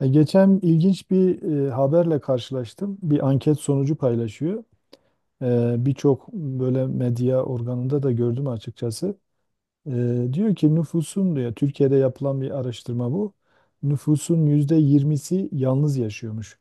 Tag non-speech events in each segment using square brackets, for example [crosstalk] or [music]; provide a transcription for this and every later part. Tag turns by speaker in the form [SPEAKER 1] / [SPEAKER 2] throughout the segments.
[SPEAKER 1] Geçen ilginç bir haberle karşılaştım. Bir anket sonucu paylaşıyor. Birçok böyle medya organında da gördüm açıkçası. Diyor ki nüfusun diyor Türkiye'de yapılan bir araştırma bu. Nüfusun %20'si yalnız yaşıyormuş.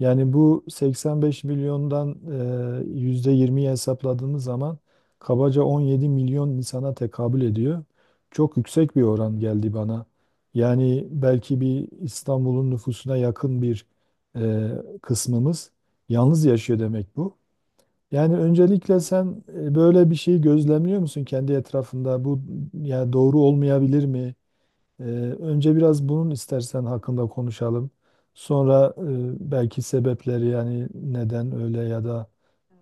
[SPEAKER 1] Yani bu 85 milyondan %20'yi hesapladığımız zaman kabaca 17 milyon insana tekabül ediyor. Çok yüksek bir oran geldi bana. Yani belki bir İstanbul'un nüfusuna yakın bir e, kısmımız yalnız yaşıyor demek bu. Yani öncelikle
[SPEAKER 2] Evet,
[SPEAKER 1] sen böyle bir şey gözlemliyor musun kendi etrafında? Bu yani doğru olmayabilir mi? E, Önce biraz bunun istersen hakkında konuşalım. Sonra belki sebepleri yani neden öyle ya da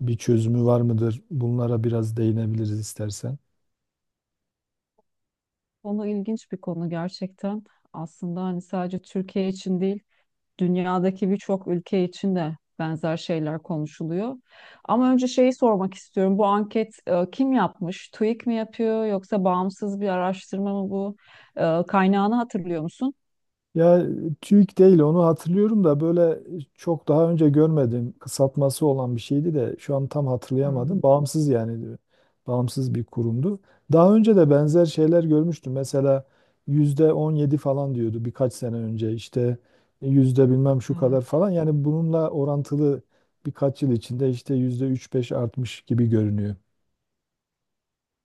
[SPEAKER 1] bir çözümü var mıdır? Bunlara biraz değinebiliriz istersen.
[SPEAKER 2] Konu ilginç bir konu gerçekten. Aslında hani sadece Türkiye için değil, dünyadaki birçok ülke için de benzer şeyler konuşuluyor. Ama önce şeyi sormak istiyorum. Bu anket kim yapmış? TÜİK mi yapıyor yoksa bağımsız bir araştırma mı bu? Kaynağını hatırlıyor musun?
[SPEAKER 1] Ya TÜİK değil onu hatırlıyorum da böyle çok daha önce görmedim. Kısaltması olan bir şeydi de şu an tam
[SPEAKER 2] Hmm.
[SPEAKER 1] hatırlayamadım. Bağımsız yani diyor. Bağımsız bir kurumdu. Daha önce de benzer şeyler görmüştüm. Mesela %17 falan diyordu birkaç sene önce işte yüzde bilmem şu kadar
[SPEAKER 2] Evet.
[SPEAKER 1] falan. Yani bununla orantılı birkaç yıl içinde işte yüzde üç beş artmış gibi görünüyor.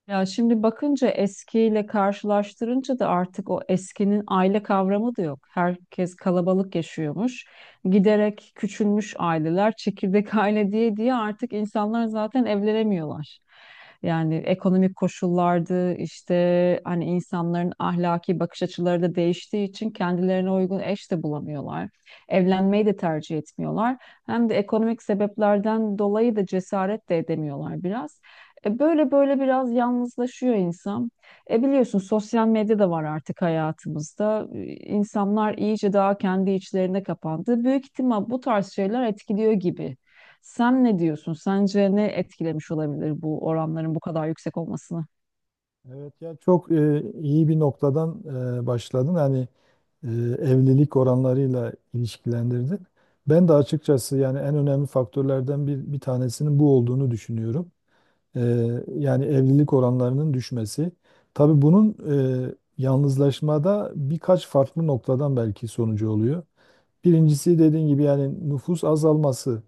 [SPEAKER 2] Ya şimdi bakınca eskiyle karşılaştırınca da artık o eskinin aile kavramı da yok. Herkes kalabalık yaşıyormuş. Giderek küçülmüş aileler, çekirdek [laughs] aile diye diye artık insanlar zaten evlenemiyorlar. Yani ekonomik koşullardı işte hani insanların ahlaki bakış açıları da değiştiği için kendilerine uygun eş de bulamıyorlar. Evlenmeyi de tercih etmiyorlar. Hem de ekonomik sebeplerden dolayı da cesaret de edemiyorlar biraz. Böyle böyle biraz yalnızlaşıyor insan. Biliyorsun sosyal medya da var artık hayatımızda. İnsanlar iyice daha kendi içlerine kapandı. Büyük ihtimal bu tarz şeyler etkiliyor gibi. Sen ne diyorsun? Sence ne etkilemiş olabilir bu oranların bu kadar yüksek olmasını?
[SPEAKER 1] Evet ya çok iyi bir noktadan başladın. Hani e, evlilik oranlarıyla ilişkilendirdin. Ben de açıkçası yani en önemli faktörlerden bir tanesinin bu olduğunu düşünüyorum. E, Yani evlilik oranlarının düşmesi. Tabii bunun yalnızlaşmada birkaç farklı noktadan belki sonucu oluyor. Birincisi dediğin gibi yani nüfus azalması.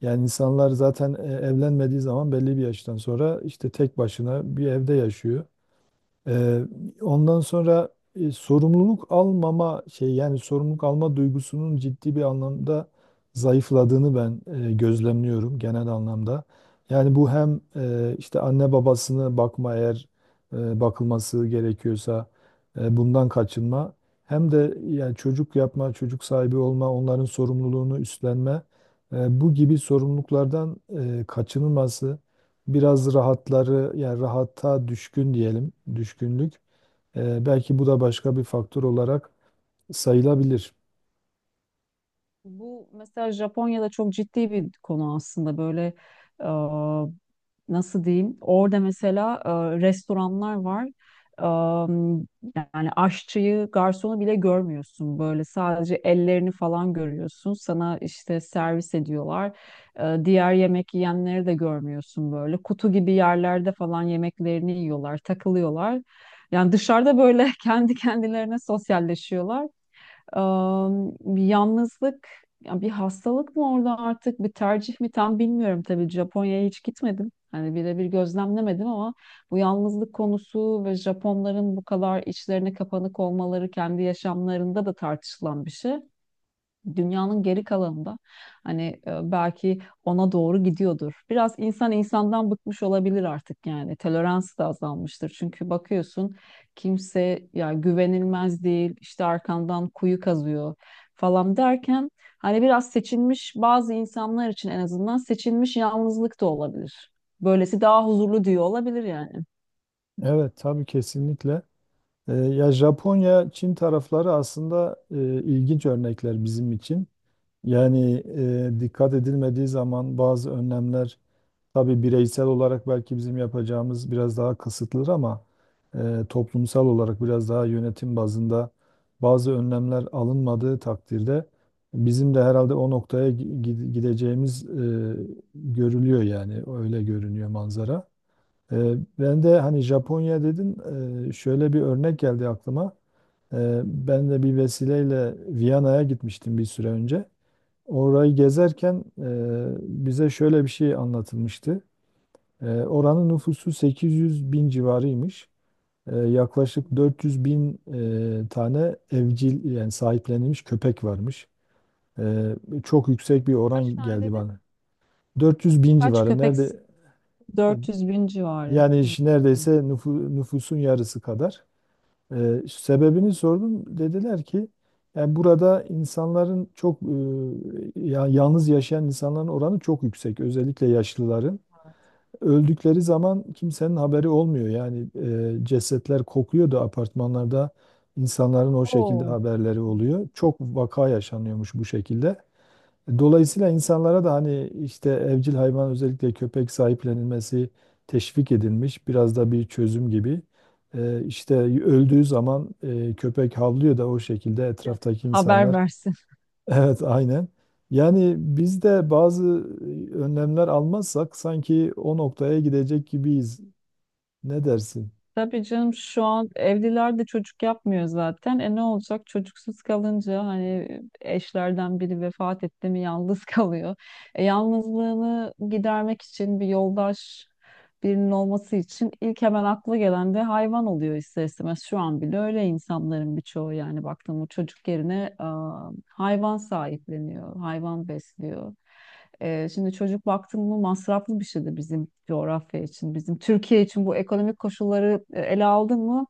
[SPEAKER 1] Yani insanlar zaten evlenmediği zaman belli bir yaştan sonra işte tek başına bir evde yaşıyor. Ee, Ondan sonra sorumluluk almama şey yani sorumluluk alma duygusunun ciddi bir anlamda zayıfladığını ben gözlemliyorum genel anlamda. Yani bu hem işte anne babasını bakma eğer bakılması gerekiyorsa bundan kaçınma hem de yani çocuk yapma, çocuk sahibi olma, onların sorumluluğunu üstlenme bu gibi sorumluluklardan kaçınılması biraz rahatları yani rahata düşkün diyelim düşkünlük. Belki bu da başka bir faktör olarak sayılabilir.
[SPEAKER 2] Bu mesela Japonya'da çok ciddi bir konu aslında böyle e, nasıl diyeyim, orada mesela restoranlar var. E, Yani aşçıyı, garsonu bile görmüyorsun, böyle sadece ellerini falan görüyorsun, sana işte servis ediyorlar. Diğer yemek yiyenleri de görmüyorsun, böyle kutu gibi yerlerde falan yemeklerini yiyorlar, takılıyorlar, yani dışarıda böyle [laughs] kendi kendilerine sosyalleşiyorlar. Am, Yalnızlık ya bir hastalık mı orada artık, bir tercih mi tam bilmiyorum, tabii Japonya'ya hiç gitmedim. Hani birebir gözlemlemedim ama bu yalnızlık konusu ve Japonların bu kadar içlerine kapanık olmaları kendi yaşamlarında da tartışılan bir şey. Dünyanın geri kalanında hani belki ona doğru gidiyordur. Biraz insan insandan bıkmış olabilir artık yani. Tolerans da azalmıştır. Çünkü bakıyorsun kimse ya güvenilmez değil, işte arkandan kuyu kazıyor falan derken hani biraz seçilmiş bazı insanlar için, en azından seçilmiş yalnızlık da olabilir. Böylesi daha huzurlu diyor olabilir yani.
[SPEAKER 1] Evet tabii kesinlikle. Ya Japonya, Çin tarafları aslında ilginç örnekler bizim için. Yani dikkat edilmediği zaman bazı önlemler. Tabii bireysel olarak belki bizim yapacağımız biraz daha kısıtlıdır ama toplumsal olarak biraz daha yönetim bazında bazı önlemler alınmadığı takdirde bizim de herhalde o noktaya gideceğimiz görülüyor yani öyle görünüyor manzara. E, Ben de hani Japonya dedin, şöyle bir örnek geldi aklıma. Ben de bir vesileyle Viyana'ya gitmiştim bir süre önce. Orayı gezerken bize şöyle bir şey anlatılmıştı. Oranın nüfusu 800 bin civarıymış. Yaklaşık 400 bin tane evcil yani sahiplenilmiş köpek varmış. Ee, Çok yüksek bir
[SPEAKER 2] Kaç
[SPEAKER 1] oran
[SPEAKER 2] tane
[SPEAKER 1] geldi
[SPEAKER 2] dedin?
[SPEAKER 1] bana. 400 bin
[SPEAKER 2] Kaç
[SPEAKER 1] civarı
[SPEAKER 2] köpek?
[SPEAKER 1] nerede, e,
[SPEAKER 2] 400 bin civarı.
[SPEAKER 1] yani işte neredeyse nüfusun yarısı kadar. Sebebini sordum dediler ki yani burada insanların çok yalnız yaşayan insanların oranı çok yüksek özellikle yaşlıların. Öldükleri zaman kimsenin haberi olmuyor. Yani cesetler kokuyordu apartmanlarda. İnsanların o şekilde
[SPEAKER 2] Oo.
[SPEAKER 1] haberleri oluyor. Çok vaka yaşanıyormuş bu şekilde. Dolayısıyla insanlara da hani işte evcil hayvan özellikle köpek sahiplenilmesi teşvik edilmiş. Biraz da bir çözüm gibi. İşte öldüğü zaman köpek havlıyor da o şekilde etraftaki
[SPEAKER 2] Haber
[SPEAKER 1] insanlar.
[SPEAKER 2] versin.
[SPEAKER 1] Evet, aynen. Yani biz de bazı önlemler almazsak sanki o noktaya gidecek gibiyiz. Ne dersin?
[SPEAKER 2] Tabii canım, şu an evliler de çocuk yapmıyor zaten. Ne olacak çocuksuz kalınca, hani eşlerden biri vefat etti mi yalnız [laughs] kalıyor. Yalnızlığını gidermek için bir yoldaş, birinin olması için ilk hemen akla gelen de hayvan oluyor ister istemez. Şu an bile öyle, insanların birçoğu yani baktığımda çocuk yerine hayvan sahipleniyor, hayvan besliyor. Şimdi çocuk baktığımda masraflı bir şeydi, bizim coğrafya için, bizim Türkiye için, bu ekonomik koşulları ele aldın mı,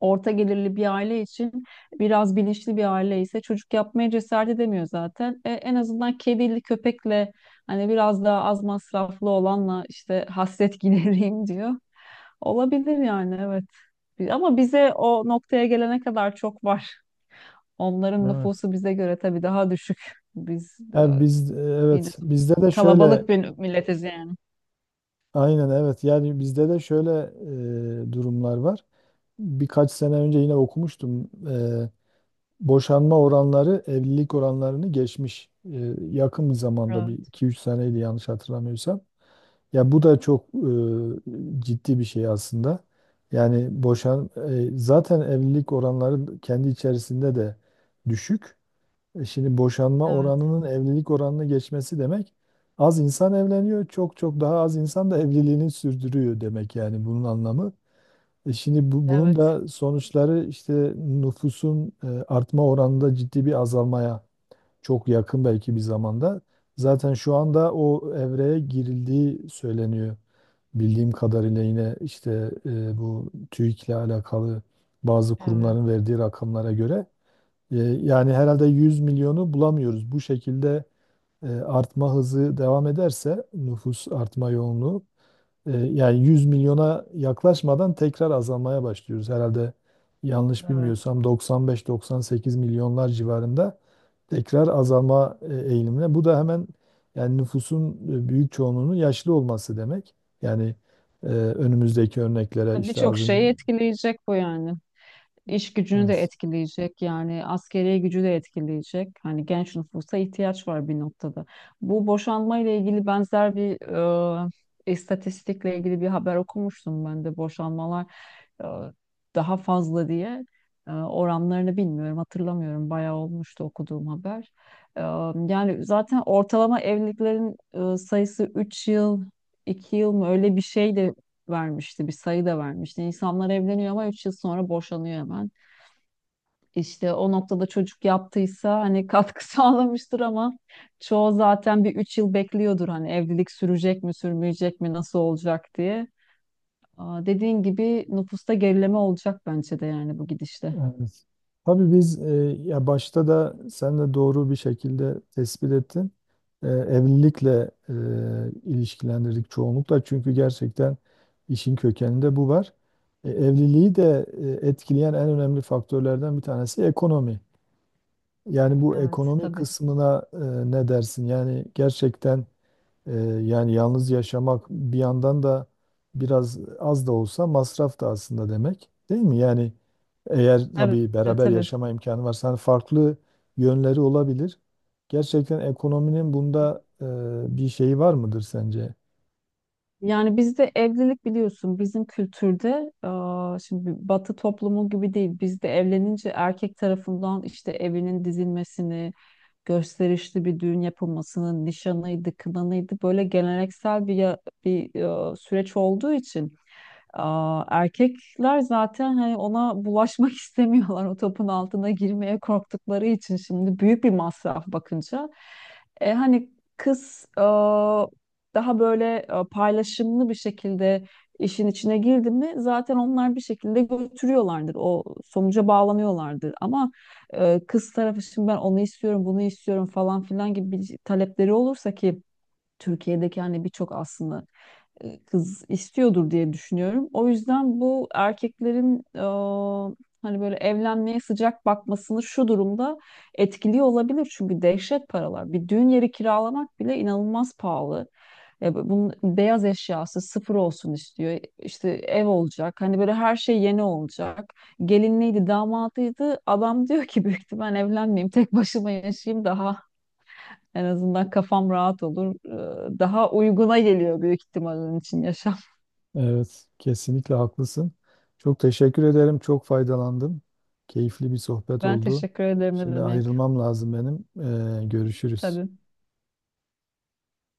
[SPEAKER 2] orta gelirli bir aile için, biraz bilinçli bir aile ise çocuk yapmaya cesaret edemiyor zaten. En azından kedili köpekle hani biraz daha az masraflı olanla işte hasret [laughs] gidereyim diyor. Olabilir yani, evet. Ama bize o noktaya gelene kadar çok var. Onların
[SPEAKER 1] Evet.
[SPEAKER 2] nüfusu bize göre tabii daha düşük. Biz
[SPEAKER 1] Ha,
[SPEAKER 2] de
[SPEAKER 1] biz
[SPEAKER 2] yine
[SPEAKER 1] evet bizde de şöyle
[SPEAKER 2] kalabalık bir milletiz yani.
[SPEAKER 1] aynen evet yani bizde de şöyle durumlar var. Birkaç sene önce yine okumuştum. Boşanma oranları evlilik oranlarını geçmiş. Yakın bir zamanda bir
[SPEAKER 2] Evet,
[SPEAKER 1] 2-3 seneydi yanlış hatırlamıyorsam. Ya bu da çok ciddi bir şey aslında. Yani zaten evlilik oranları kendi içerisinde de düşük. Şimdi boşanma
[SPEAKER 2] evet,
[SPEAKER 1] oranının evlilik oranını geçmesi demek az insan evleniyor, çok çok daha az insan da evliliğini sürdürüyor demek yani bunun anlamı. Şimdi bunun
[SPEAKER 2] evet,
[SPEAKER 1] da sonuçları işte nüfusun artma oranında ciddi bir azalmaya çok yakın belki bir zamanda. Zaten şu anda o evreye girildiği söyleniyor. Bildiğim kadarıyla yine işte bu TÜİK'le alakalı bazı
[SPEAKER 2] evet,
[SPEAKER 1] kurumların verdiği rakamlara göre, yani herhalde 100 milyonu bulamıyoruz. Bu şekilde artma hızı devam ederse nüfus artma yoğunluğu, yani 100 milyona yaklaşmadan tekrar azalmaya başlıyoruz. Herhalde yanlış
[SPEAKER 2] evet.
[SPEAKER 1] bilmiyorsam 95-98 milyonlar civarında tekrar azalma eğilimine. Bu da hemen yani nüfusun büyük çoğunluğunun yaşlı olması demek. Yani önümüzdeki örneklere işte
[SPEAKER 2] Birçok
[SPEAKER 1] az önce
[SPEAKER 2] şeyi etkileyecek bu yani. İş gücünü de
[SPEAKER 1] evet.
[SPEAKER 2] etkileyecek, yani askeri gücü de etkileyecek. Hani genç nüfusa ihtiyaç var bir noktada. Bu boşanma ile ilgili benzer bir e, istatistikle ilgili bir haber okumuştum ben de, boşanmalar e, daha fazla diye. Oranlarını bilmiyorum, hatırlamıyorum, bayağı olmuştu okuduğum haber. E, Yani zaten ortalama evliliklerin sayısı 3 yıl, 2 yıl mı, öyle bir şey de vermişti, bir sayı da vermişti. İnsanlar evleniyor ama 3 yıl sonra boşanıyor hemen. İşte o noktada çocuk yaptıysa hani katkı [laughs] sağlamıştır ama çoğu zaten bir 3 yıl bekliyordur, hani evlilik sürecek mi sürmeyecek mi, nasıl olacak diye. Aa, dediğin gibi nüfusta gerileme olacak bence de yani, bu gidişle.
[SPEAKER 1] Evet. Tabii ya başta da sen de doğru bir şekilde tespit ettin. Evlilikle ilişkilendirdik çoğunlukla çünkü gerçekten işin kökeninde bu var. Evliliği de etkileyen en önemli faktörlerden bir tanesi ekonomi. Yani bu
[SPEAKER 2] Evet,
[SPEAKER 1] ekonomi
[SPEAKER 2] tabii.
[SPEAKER 1] kısmına, ne dersin? Yani gerçekten ee, yani yalnız yaşamak bir yandan da biraz az da olsa masraf da aslında demek değil mi? Yani eğer
[SPEAKER 2] Evet,
[SPEAKER 1] tabii beraber
[SPEAKER 2] tabii.
[SPEAKER 1] yaşama imkanı varsa hani farklı yönleri olabilir. Gerçekten ekonominin bunda bir şeyi var mıdır sence?
[SPEAKER 2] Yani bizde evlilik biliyorsun, bizim kültürde şimdi Batı toplumu gibi değil. Bizde evlenince erkek tarafından işte evinin dizilmesini, gösterişli bir düğün yapılmasını, nişanıydı, kınanıydı, böyle geleneksel bir bir süreç olduğu için. Erkekler zaten hani ona bulaşmak [laughs] istemiyorlar, o topun altına girmeye korktukları için, şimdi büyük bir masraf bakınca. Hani kız daha böyle paylaşımlı bir şekilde işin içine girdi mi, zaten onlar bir şekilde götürüyorlardır. O sonuca bağlanıyorlardır. Ama kız tarafı şimdi ben onu istiyorum, bunu istiyorum falan filan gibi bir talepleri olursa ki Türkiye'deki hani birçok aslında kız istiyordur diye düşünüyorum. O yüzden bu erkeklerin hani böyle evlenmeye sıcak bakmasını şu durumda etkiliyor olabilir. Çünkü dehşet paralar. Bir düğün yeri kiralamak bile inanılmaz pahalı. Bunun beyaz eşyası sıfır olsun istiyor. İşte ev olacak. Hani böyle her şey yeni olacak. Gelinliydi, damadıydı. Adam diyor ki büyük ihtimal evlenmeyeyim, tek başıma yaşayayım, daha en azından kafam rahat olur. Daha uyguna geliyor büyük ihtimal onun için yaşam. [laughs]
[SPEAKER 1] Evet, kesinlikle haklısın. Çok teşekkür ederim. Çok faydalandım. Keyifli bir sohbet
[SPEAKER 2] Ben
[SPEAKER 1] oldu.
[SPEAKER 2] teşekkür ederim, ne
[SPEAKER 1] Şimdi
[SPEAKER 2] demek.
[SPEAKER 1] ayrılmam lazım benim. Görüşürüz.
[SPEAKER 2] Tabii.